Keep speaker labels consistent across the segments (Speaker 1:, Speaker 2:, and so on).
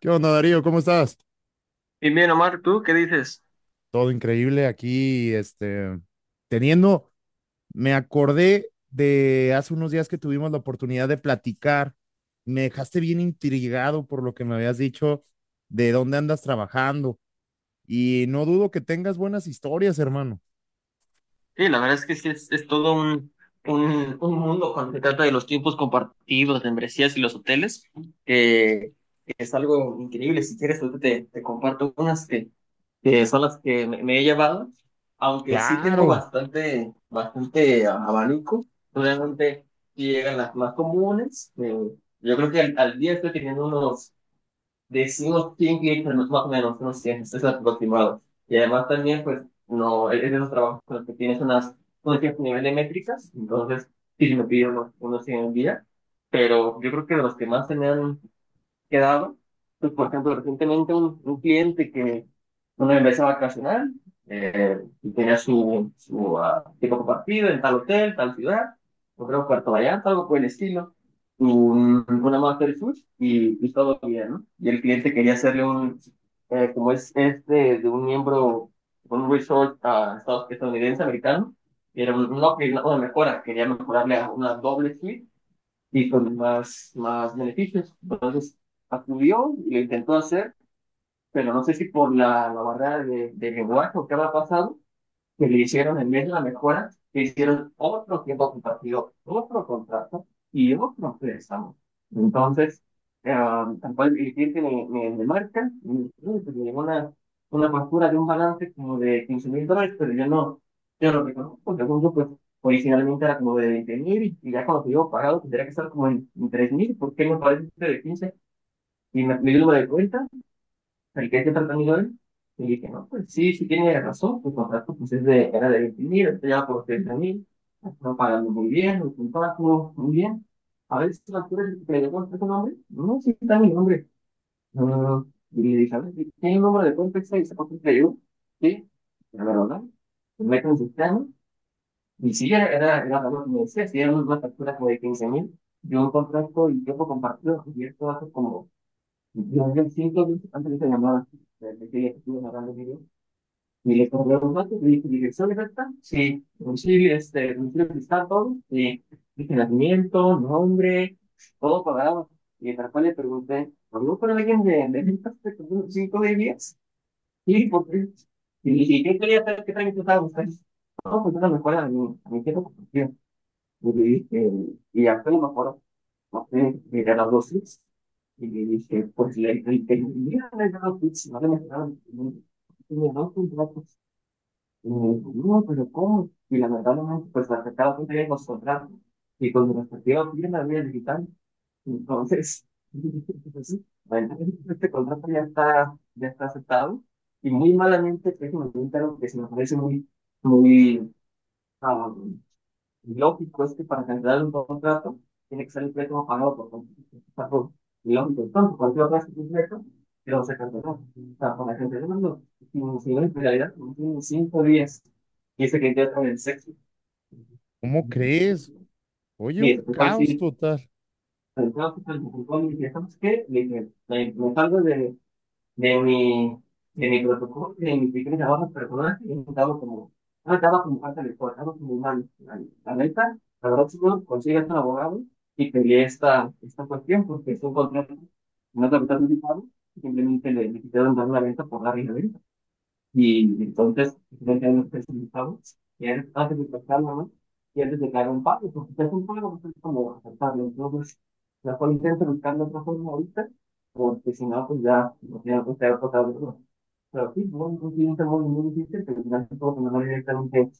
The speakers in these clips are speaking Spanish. Speaker 1: ¿Qué onda, Darío? ¿Cómo estás?
Speaker 2: Y bien, Omar, ¿tú qué dices?
Speaker 1: Todo increíble aquí, teniendo, me acordé de hace unos días que tuvimos la oportunidad de platicar. Me dejaste bien intrigado por lo que me habías dicho de dónde andas trabajando y no dudo que tengas buenas historias, hermano.
Speaker 2: Sí, la verdad es que sí, es todo un mundo cuando se trata de los tiempos compartidos, de membresías y los hoteles, que que es algo increíble. Si quieres, ahorita te comparto unas que son las que me he llevado, aunque sí tengo
Speaker 1: Claro,
Speaker 2: bastante, bastante abanico, realmente sí llegan las más comunes. Yo creo que al día estoy teniendo unos decimos quién grita más o menos, unos 100, es aproximado. Y además también, pues, no, es de esos trabajos con los que tienes unas, un cierto nivel de métricas, entonces sí, si me pido unos 100 al día, pero yo creo que de los que más tenían quedado. Pues, por ejemplo, recientemente un cliente que una empresa vacacional, y tenía su tipo compartido en tal hotel, tal ciudad, yo creo Puerto Vallarta, algo por el estilo, una master suite y todo bien, ¿no? Y el cliente quería hacerle un, como es este, de un miembro, un resort, estadounidense, americano, y era no, una mejora, quería mejorarle a una doble suite y con más, más beneficios. Entonces, acudió, y lo intentó hacer, pero no sé si por la barrera de lenguaje o qué había pasado, que le hicieron en vez de la mejora, le hicieron otro tiempo compartido, otro contrato y otro préstamo. Entonces, eh, tampoco el cliente me marca, me dice que llegó una factura de un balance como de 15,000 dólares, pero yo no, yo no reconozco, según yo, pues originalmente era como de 20,000 y ya cuando te digo pagado tendría que estar como en, 3 mil, porque me parece de 15 y me dio el número de cuenta el que este tratamiento de él, y dije, no, pues sí, sí tiene razón, tu contrato pues es de, era de 20 mil, está ya por 30,000, está pagando muy bien, los contratos, muy bien. A ver si la altura que le dio tu nombre, no, sí está mi nombre. No, no, no. Y le dije, a ver, ¿tiene el número de cuenta extra y sacó cuenta yo? Sí, pero la verdad, me meto en el sistema, y sí, era algo que me decía, si era una factura como de 15 mil, yo un contrato y tiempo compartido, y esto hace como yo hablé 5 minutos antes de esta llamada. Estuve narrando el video. Y le compré los datos, le dije dirección exacta, sí, domicilio, este, domicilio donde está todo, sí, dije nacimiento, nombre, todo pagado. Y tal cual le pregunté, ¿habló con alguien de ventas de como cinco de días? Y por qué. Y le dije, ¿qué quería saber qué trámite estaba buscando? No, pues era mejor a mi jefe, porque. Y le dije, y ya fue lo mejor. Entonces, miré las dosis y le dije, pues le dije, mira, le he no le he dado, no le contratos. Y me dijo, no, pero ¿cómo? Y la verdad, no, pues la afectaba con los contratos y con mi respectiva firma de digital. Entonces, pues, sí, bueno, este contrato ya está aceptado y muy malamente, que me un que se me parece muy, muy, ah, lógico es que para cancelar un contrato tiene que ser el préstamo pagado por contrato. Lógico, entonces cualquier otra institución, pero se canceló. O sea, para cancelar no. Sin en realidad, tiene 5 días. Y ese que ya en el sexo.
Speaker 1: ¿cómo crees? Oye, un
Speaker 2: Mire, te puedo
Speaker 1: caos
Speaker 2: decir,
Speaker 1: total.
Speaker 2: pero creo que el fiscal me contó y dije, ¿sabes qué? Le dije, me salgo de mi, de mi protocolo, de mi pequeño trabajo personal, y he intentado como, no estaba como falta de cosas, estaba como humano. La neta, la verdad, si no consigues un abogado y peleé esta cuestión porque es un contrato, no te lo anticipado, simplemente le quitaron dar la venta por la arriba. Y entonces ya nos presentamos, y antes de tocarlo, ¿no? Y antes de caer un pago, porque si es un pago, pues es como aceptarlo. Entonces, la cual intento buscando otra forma ahorita, porque si no, pues ya, no tiene que estar pasando. Pero sí, no, no tiene un termo muy difícil, pero casi todo se mandó directamente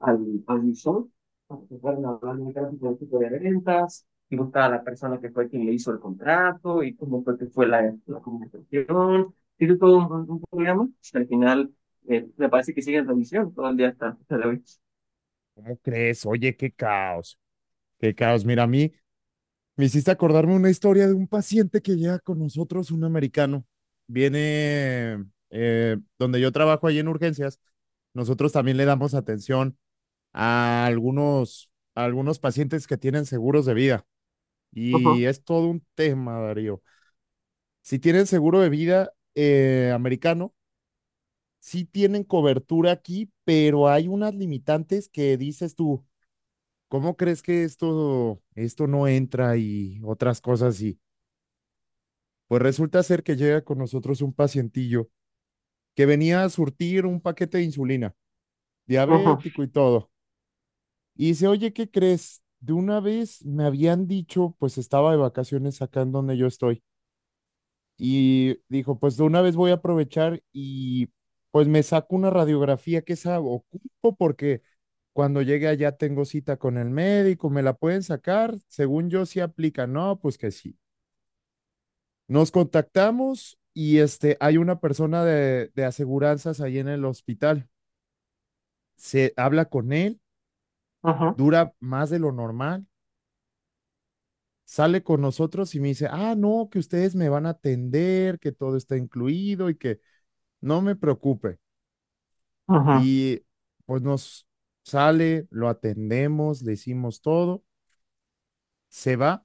Speaker 2: al visor. Empezaron a hablar directamente del tipo de ventas, buscar a la persona que fue quien le hizo el contrato y cómo fue que fue la comunicación. Tiene todo un programa. Al final, me parece que sigue en revisión todo el día hasta la vez.
Speaker 1: ¿Cómo crees? Oye, qué caos. Qué caos. Mira, a mí me hiciste acordarme una historia de un paciente que llega con nosotros, un americano. Viene donde yo trabajo ahí en urgencias. Nosotros también le damos atención a algunos pacientes que tienen seguros de vida.
Speaker 2: Ujú,
Speaker 1: Y es todo un tema, Darío. Si tienen seguro de vida americano, sí tienen cobertura aquí, pero hay unas limitantes que dices tú, ¿cómo crees que esto no entra y otras cosas? Y pues resulta ser que llega con nosotros un pacientillo que venía a surtir un paquete de insulina,
Speaker 2: ujú,
Speaker 1: diabético y todo. Y dice, oye, ¿qué crees? De una vez me habían dicho, pues estaba de vacaciones acá en donde yo estoy. Y dijo, pues de una vez voy a aprovechar y pues me saco una radiografía que esa ocupo porque cuando llegue allá tengo cita con el médico, me la pueden sacar, según yo sí aplica, no, pues que sí. Nos contactamos y hay una persona de aseguranzas ahí en el hospital. Se habla con él,
Speaker 2: ujú,
Speaker 1: dura más de lo normal, sale con nosotros y me dice, ah, no, que ustedes me van a atender, que todo está incluido y que no me preocupe.
Speaker 2: ujú,
Speaker 1: Y pues nos sale, lo atendemos, le hicimos todo, se va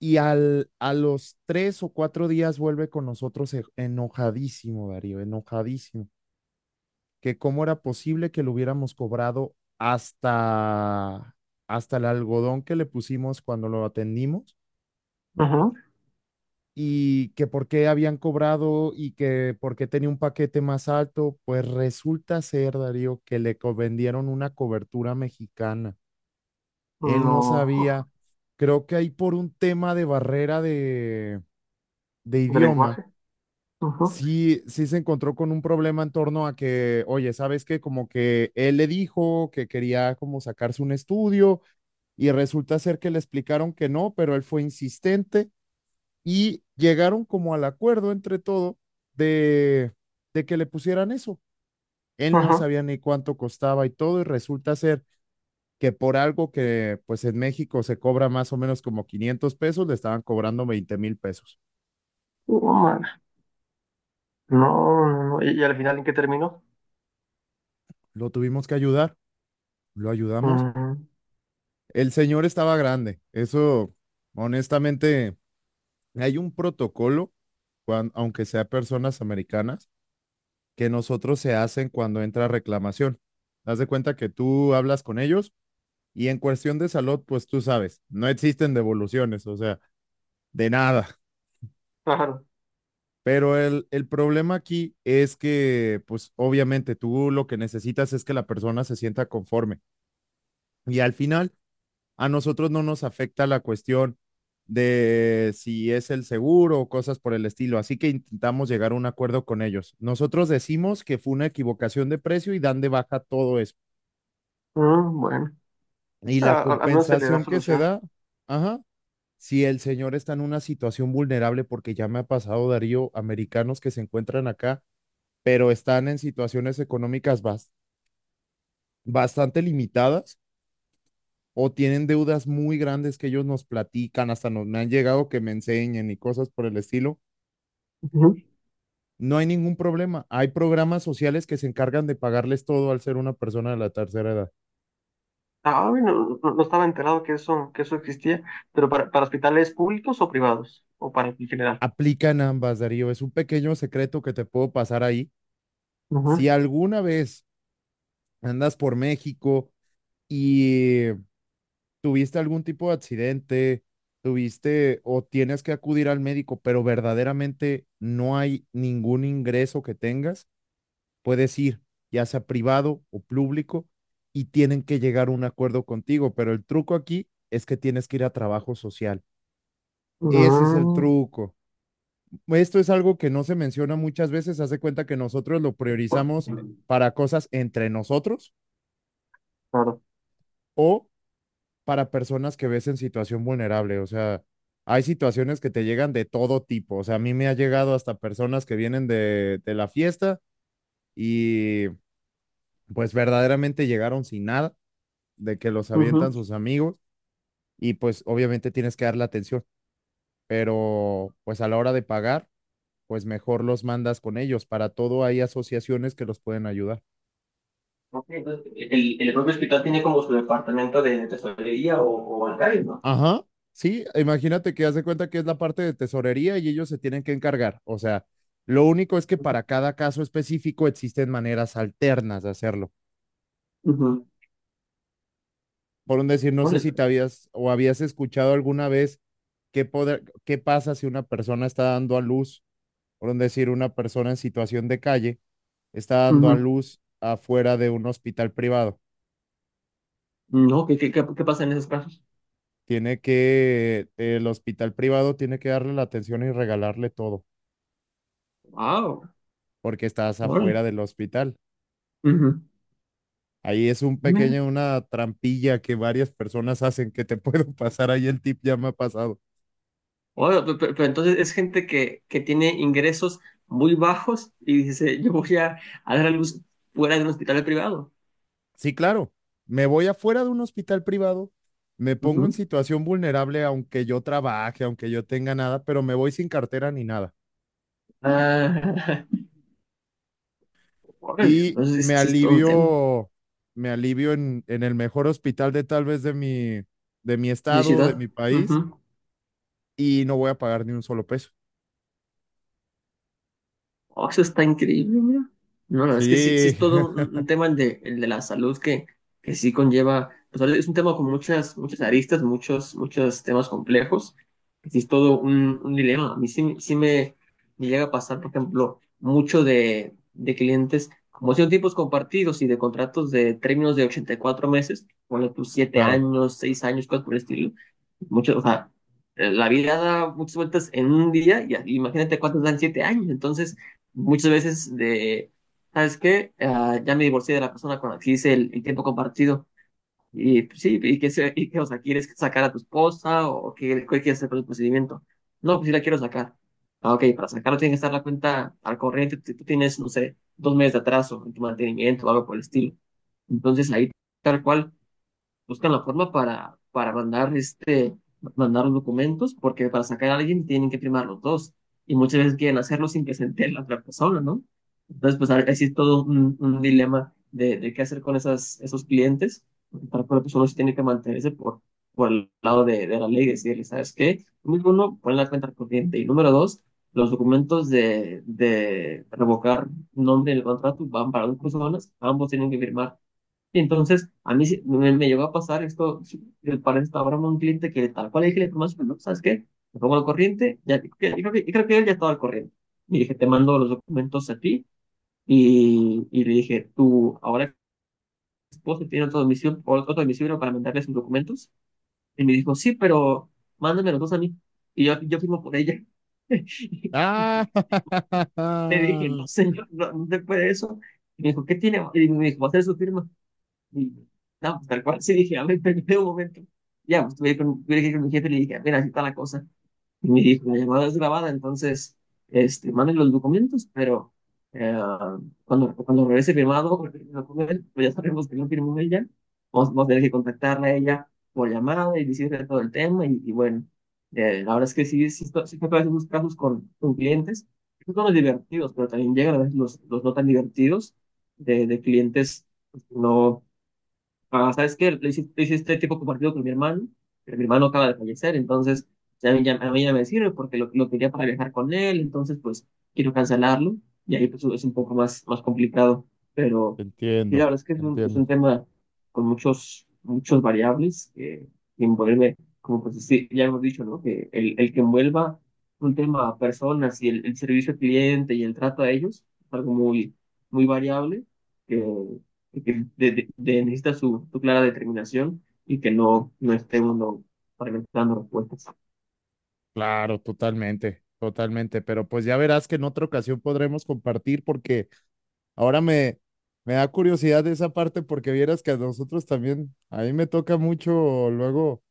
Speaker 1: y a los tres o cuatro días vuelve con nosotros enojadísimo, Darío, enojadísimo. Que cómo era posible que lo hubiéramos cobrado hasta, hasta el algodón que le pusimos cuando lo atendimos
Speaker 2: ujú.
Speaker 1: y que por qué habían cobrado y que por qué tenía un paquete más alto, pues resulta ser, Darío, que le vendieron una cobertura mexicana. Él no
Speaker 2: No,
Speaker 1: sabía, creo que ahí por un tema de barrera de
Speaker 2: de
Speaker 1: idioma,
Speaker 2: lenguaje. Ujú,
Speaker 1: sí, sí se encontró con un problema en torno a que, oye, ¿sabes qué? Como que él le dijo que quería como sacarse un estudio y resulta ser que le explicaron que no, pero él fue insistente y llegaron como al acuerdo entre todo de, de que le pusieran eso. Él no
Speaker 2: ujú.
Speaker 1: sabía ni cuánto costaba y todo y resulta ser que por algo que pues en México se cobra más o menos como 500 pesos, le estaban cobrando 20 mil pesos.
Speaker 2: Oh, man. No, no, no. ¿Y al final en qué terminó?
Speaker 1: Lo tuvimos que ayudar, lo ayudamos.
Speaker 2: Ujú.
Speaker 1: El señor estaba grande. Eso, honestamente, hay un protocolo, aunque sea personas americanas, que nosotros se hacen cuando entra reclamación. Haz de cuenta que tú hablas con ellos y en cuestión de salud, pues tú sabes, no existen devoluciones, o sea, de nada.
Speaker 2: Claro.
Speaker 1: Pero el problema aquí es que, pues obviamente tú lo que necesitas es que la persona se sienta conforme. Y al final, a nosotros no nos afecta la cuestión de si es el seguro o cosas por el estilo. Así que intentamos llegar a un acuerdo con ellos. Nosotros decimos que fue una equivocación de precio y dan de baja todo eso.
Speaker 2: Ah, bueno,
Speaker 1: Y la
Speaker 2: al menos se le da
Speaker 1: compensación que se
Speaker 2: solución.
Speaker 1: da, ajá, si el señor está en una situación vulnerable, porque ya me ha pasado, Darío, americanos que se encuentran acá, pero están en situaciones económicas bastante limitadas o tienen deudas muy grandes que ellos nos platican, hasta me han llegado que me enseñen y cosas por el estilo.
Speaker 2: Ujú.
Speaker 1: No hay ningún problema. Hay programas sociales que se encargan de pagarles todo al ser una persona de la tercera edad.
Speaker 2: Ah, bueno, no, no estaba enterado que eso existía, pero para hospitales públicos o privados, o para en general.
Speaker 1: Aplican ambas, Darío. Es un pequeño secreto que te puedo pasar ahí. Si
Speaker 2: Ujú.
Speaker 1: alguna vez andas por México y tuviste algún tipo de accidente, tuviste o tienes que acudir al médico, pero verdaderamente no hay ningún ingreso que tengas, puedes ir, ya sea privado o público, y tienen que llegar a un acuerdo contigo, pero el truco aquí es que tienes que ir a trabajo social. Ese es el
Speaker 2: Mm,
Speaker 1: truco. Esto es algo que no se menciona muchas veces. Haz de cuenta que nosotros lo priorizamos para cosas entre nosotros
Speaker 2: claro.
Speaker 1: o para personas que ves en situación vulnerable. O sea, hay situaciones que te llegan de todo tipo. O sea, a mí me ha llegado hasta personas que vienen de la fiesta y pues verdaderamente llegaron sin nada de que los avientan
Speaker 2: Ujú.
Speaker 1: sus amigos y pues obviamente tienes que darle atención, pero pues a la hora de pagar, pues mejor los mandas con ellos. Para todo hay asociaciones que los pueden ayudar.
Speaker 2: Ok, entonces, el propio hospital tiene como su departamento de tesorería o bancario, ¿no?
Speaker 1: Ajá. Sí, imagínate que haz de cuenta que es la parte de tesorería y ellos se tienen que encargar. O sea, lo único es que para cada caso específico existen maneras alternas de hacerlo.
Speaker 2: Ujú.
Speaker 1: Por un decir, no sé
Speaker 2: Órale,
Speaker 1: si te habías o habías escuchado alguna vez qué, qué pasa si una persona está dando a luz, por un decir, una persona en situación de calle está dando a
Speaker 2: ujú.
Speaker 1: luz afuera de un hospital privado.
Speaker 2: No, qué pasa en esos casos?
Speaker 1: Tiene que, el hospital privado tiene que darle la atención y regalarle todo,
Speaker 2: Wow,
Speaker 1: porque estás
Speaker 2: órale.
Speaker 1: afuera del hospital.
Speaker 2: Ujú.
Speaker 1: Ahí es una trampilla que varias personas hacen que te puedo pasar. Ahí el tip ya me ha pasado.
Speaker 2: Bueno, pero, entonces es gente que tiene ingresos muy bajos y dice, yo voy a dar a luz fuera de un hospital privado.
Speaker 1: Sí, claro, me voy afuera de un hospital privado, me pongo en
Speaker 2: Ujú.
Speaker 1: situación vulnerable, aunque yo trabaje, aunque yo tenga nada, pero me voy sin cartera ni nada.
Speaker 2: Ah, órale,
Speaker 1: Y
Speaker 2: entonces sí es todo un tema
Speaker 1: me alivio en el mejor hospital de tal vez de mi
Speaker 2: de
Speaker 1: estado, de
Speaker 2: ciudad.
Speaker 1: mi país, y no voy a pagar ni un solo peso.
Speaker 2: Oh, eso está increíble, mira. No, la verdad es que sí, sí
Speaker 1: Sí,
Speaker 2: es todo un, un tema el de la salud que sí conlleva, pues ahora es un tema con muchas, muchas aristas, muchos, muchos temas complejos, que sí es todo un dilema. A mí sí, sí me llega a pasar, por ejemplo, mucho de clientes, como son tipos compartidos y de contratos de términos de 84 meses, ponle tus siete
Speaker 1: claro.
Speaker 2: años, 6 años, cosas por el estilo mucho, o sea, la vida da muchas vueltas en un día y imagínate cuántos dan 7 años. Entonces, muchas veces de, ¿sabes qué? Ah, ya me divorcié de la persona con la que hice el tiempo compartido. Y pues, sí, y que, y que, o sea, ¿quieres sacar a tu esposa o qué quieres hacer con el procedimiento? No, pues sí la quiero sacar. Ah, ok, para sacarlo tiene que estar la cuenta al corriente. Tú tienes, no sé, 2 meses de atraso en tu mantenimiento o algo por el estilo. Entonces, ahí tal cual buscan la forma para mandar, este, mandar los documentos, porque para sacar a alguien tienen que firmar los dos. Y muchas veces quieren hacerlo sin que se entere la otra persona, ¿no? Entonces, pues ahí sí es todo un dilema de qué hacer con esas, esos clientes, porque para cada persona sí tiene que mantenerse por el lado de la ley y decirle, ¿sabes qué? Número uno, pon la cuenta corriente. Y número dos, los documentos de revocar nombre en el contrato van para dos personas, ambos tienen que firmar. Y entonces, a mí me llegó a pasar esto, sí, para esta broma a un cliente que tal cual le dije la información, ¿no? ¿Sabes qué? Me pongo al corriente, ya, yo creo que él ya estaba al corriente. Y dije, te mando los documentos a ti. Y le dije, tu ahora esposo tiene otro domicilio, otro domicilio para mandarle sus documentos. Y me dijo, sí, pero mándame los dos a mí. Y yo firmo por ella.
Speaker 1: Ah,
Speaker 2: Le dije, no, señor, no, no se puede eso. Y me dijo, ¿qué tiene? Y me dijo, va a hacer su firma. Y, no, pues, tal cual, sí dije, a ver, permíteme un momento. Ya, pues tuve que ir con mi jefe y le dije, mira, así está la cosa. Y me dijo, la llamada es grabada, entonces, este, manden los documentos, pero eh, cuando regrese firmado el documento, pues ya sabemos que no firmó ella, vamos a tener que contactarla a ella por llamada y decirle todo el tema. Y bueno, la verdad es que sí, sí, que a esos casos con clientes, que son los divertidos, pero también llegan a veces los no tan divertidos de clientes, pues, que no. Ah, ¿sabes qué? Lo hice este tiempo compartido con mi hermano, pero mi hermano acaba de fallecer, entonces ya, a mí ya me sirve porque lo quería para viajar con él, entonces pues quiero cancelarlo y ahí pues es un poco más, más complicado, pero sí, la
Speaker 1: entiendo,
Speaker 2: verdad es que es un, es
Speaker 1: entiendo.
Speaker 2: un tema con muchos, muchos variables que envuelve, como pues sí, ya hemos dicho, ¿no? Que el que envuelva un tema a personas y el servicio al cliente y el trato a ellos es algo muy, muy variable y que necesita su clara determinación y que no, no esté uno fragmentando respuestas.
Speaker 1: Claro, totalmente, totalmente. Pero pues ya verás que en otra ocasión podremos compartir porque ahora me da curiosidad de esa parte porque vieras que a nosotros también, a mí me toca mucho luego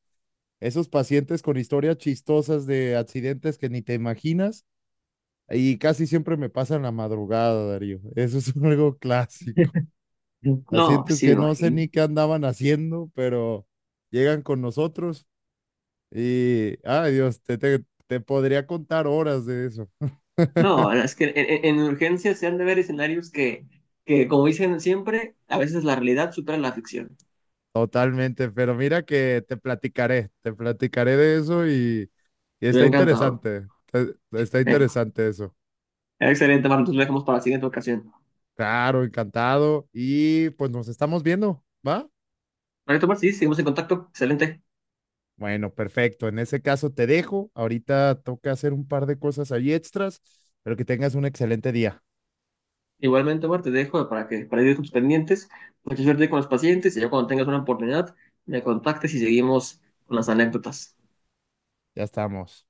Speaker 1: esos pacientes con historias chistosas de accidentes que ni te imaginas y casi siempre me pasan la madrugada, Darío. Eso es algo clásico.
Speaker 2: No,
Speaker 1: Pacientes
Speaker 2: sí me
Speaker 1: que no sé ni
Speaker 2: imagino.
Speaker 1: qué andaban haciendo, pero llegan con nosotros y, ay Dios, te podría contar horas de eso.
Speaker 2: No, es que en urgencias se han de ver escenarios que, como dicen siempre, a veces la realidad supera la ficción.
Speaker 1: Totalmente, pero mira que te platicaré de eso y
Speaker 2: Yo he encantado.
Speaker 1: está
Speaker 2: Eh,
Speaker 1: interesante eso.
Speaker 2: Excelente, Marta, entonces lo dejamos para la siguiente ocasión.
Speaker 1: Claro, encantado y pues nos estamos viendo, ¿va?
Speaker 2: Perfecto, Marta, sí, seguimos en contacto. Excelente.
Speaker 1: Bueno, perfecto. En ese caso te dejo. Ahorita toca hacer un par de cosas ahí extras, pero que tengas un excelente día.
Speaker 2: Igualmente, Marta, te dejo para ir con tus pendientes. Mucha suerte con los pacientes y ya cuando tengas una oportunidad, me contactes y seguimos con las anécdotas.
Speaker 1: Ya estamos.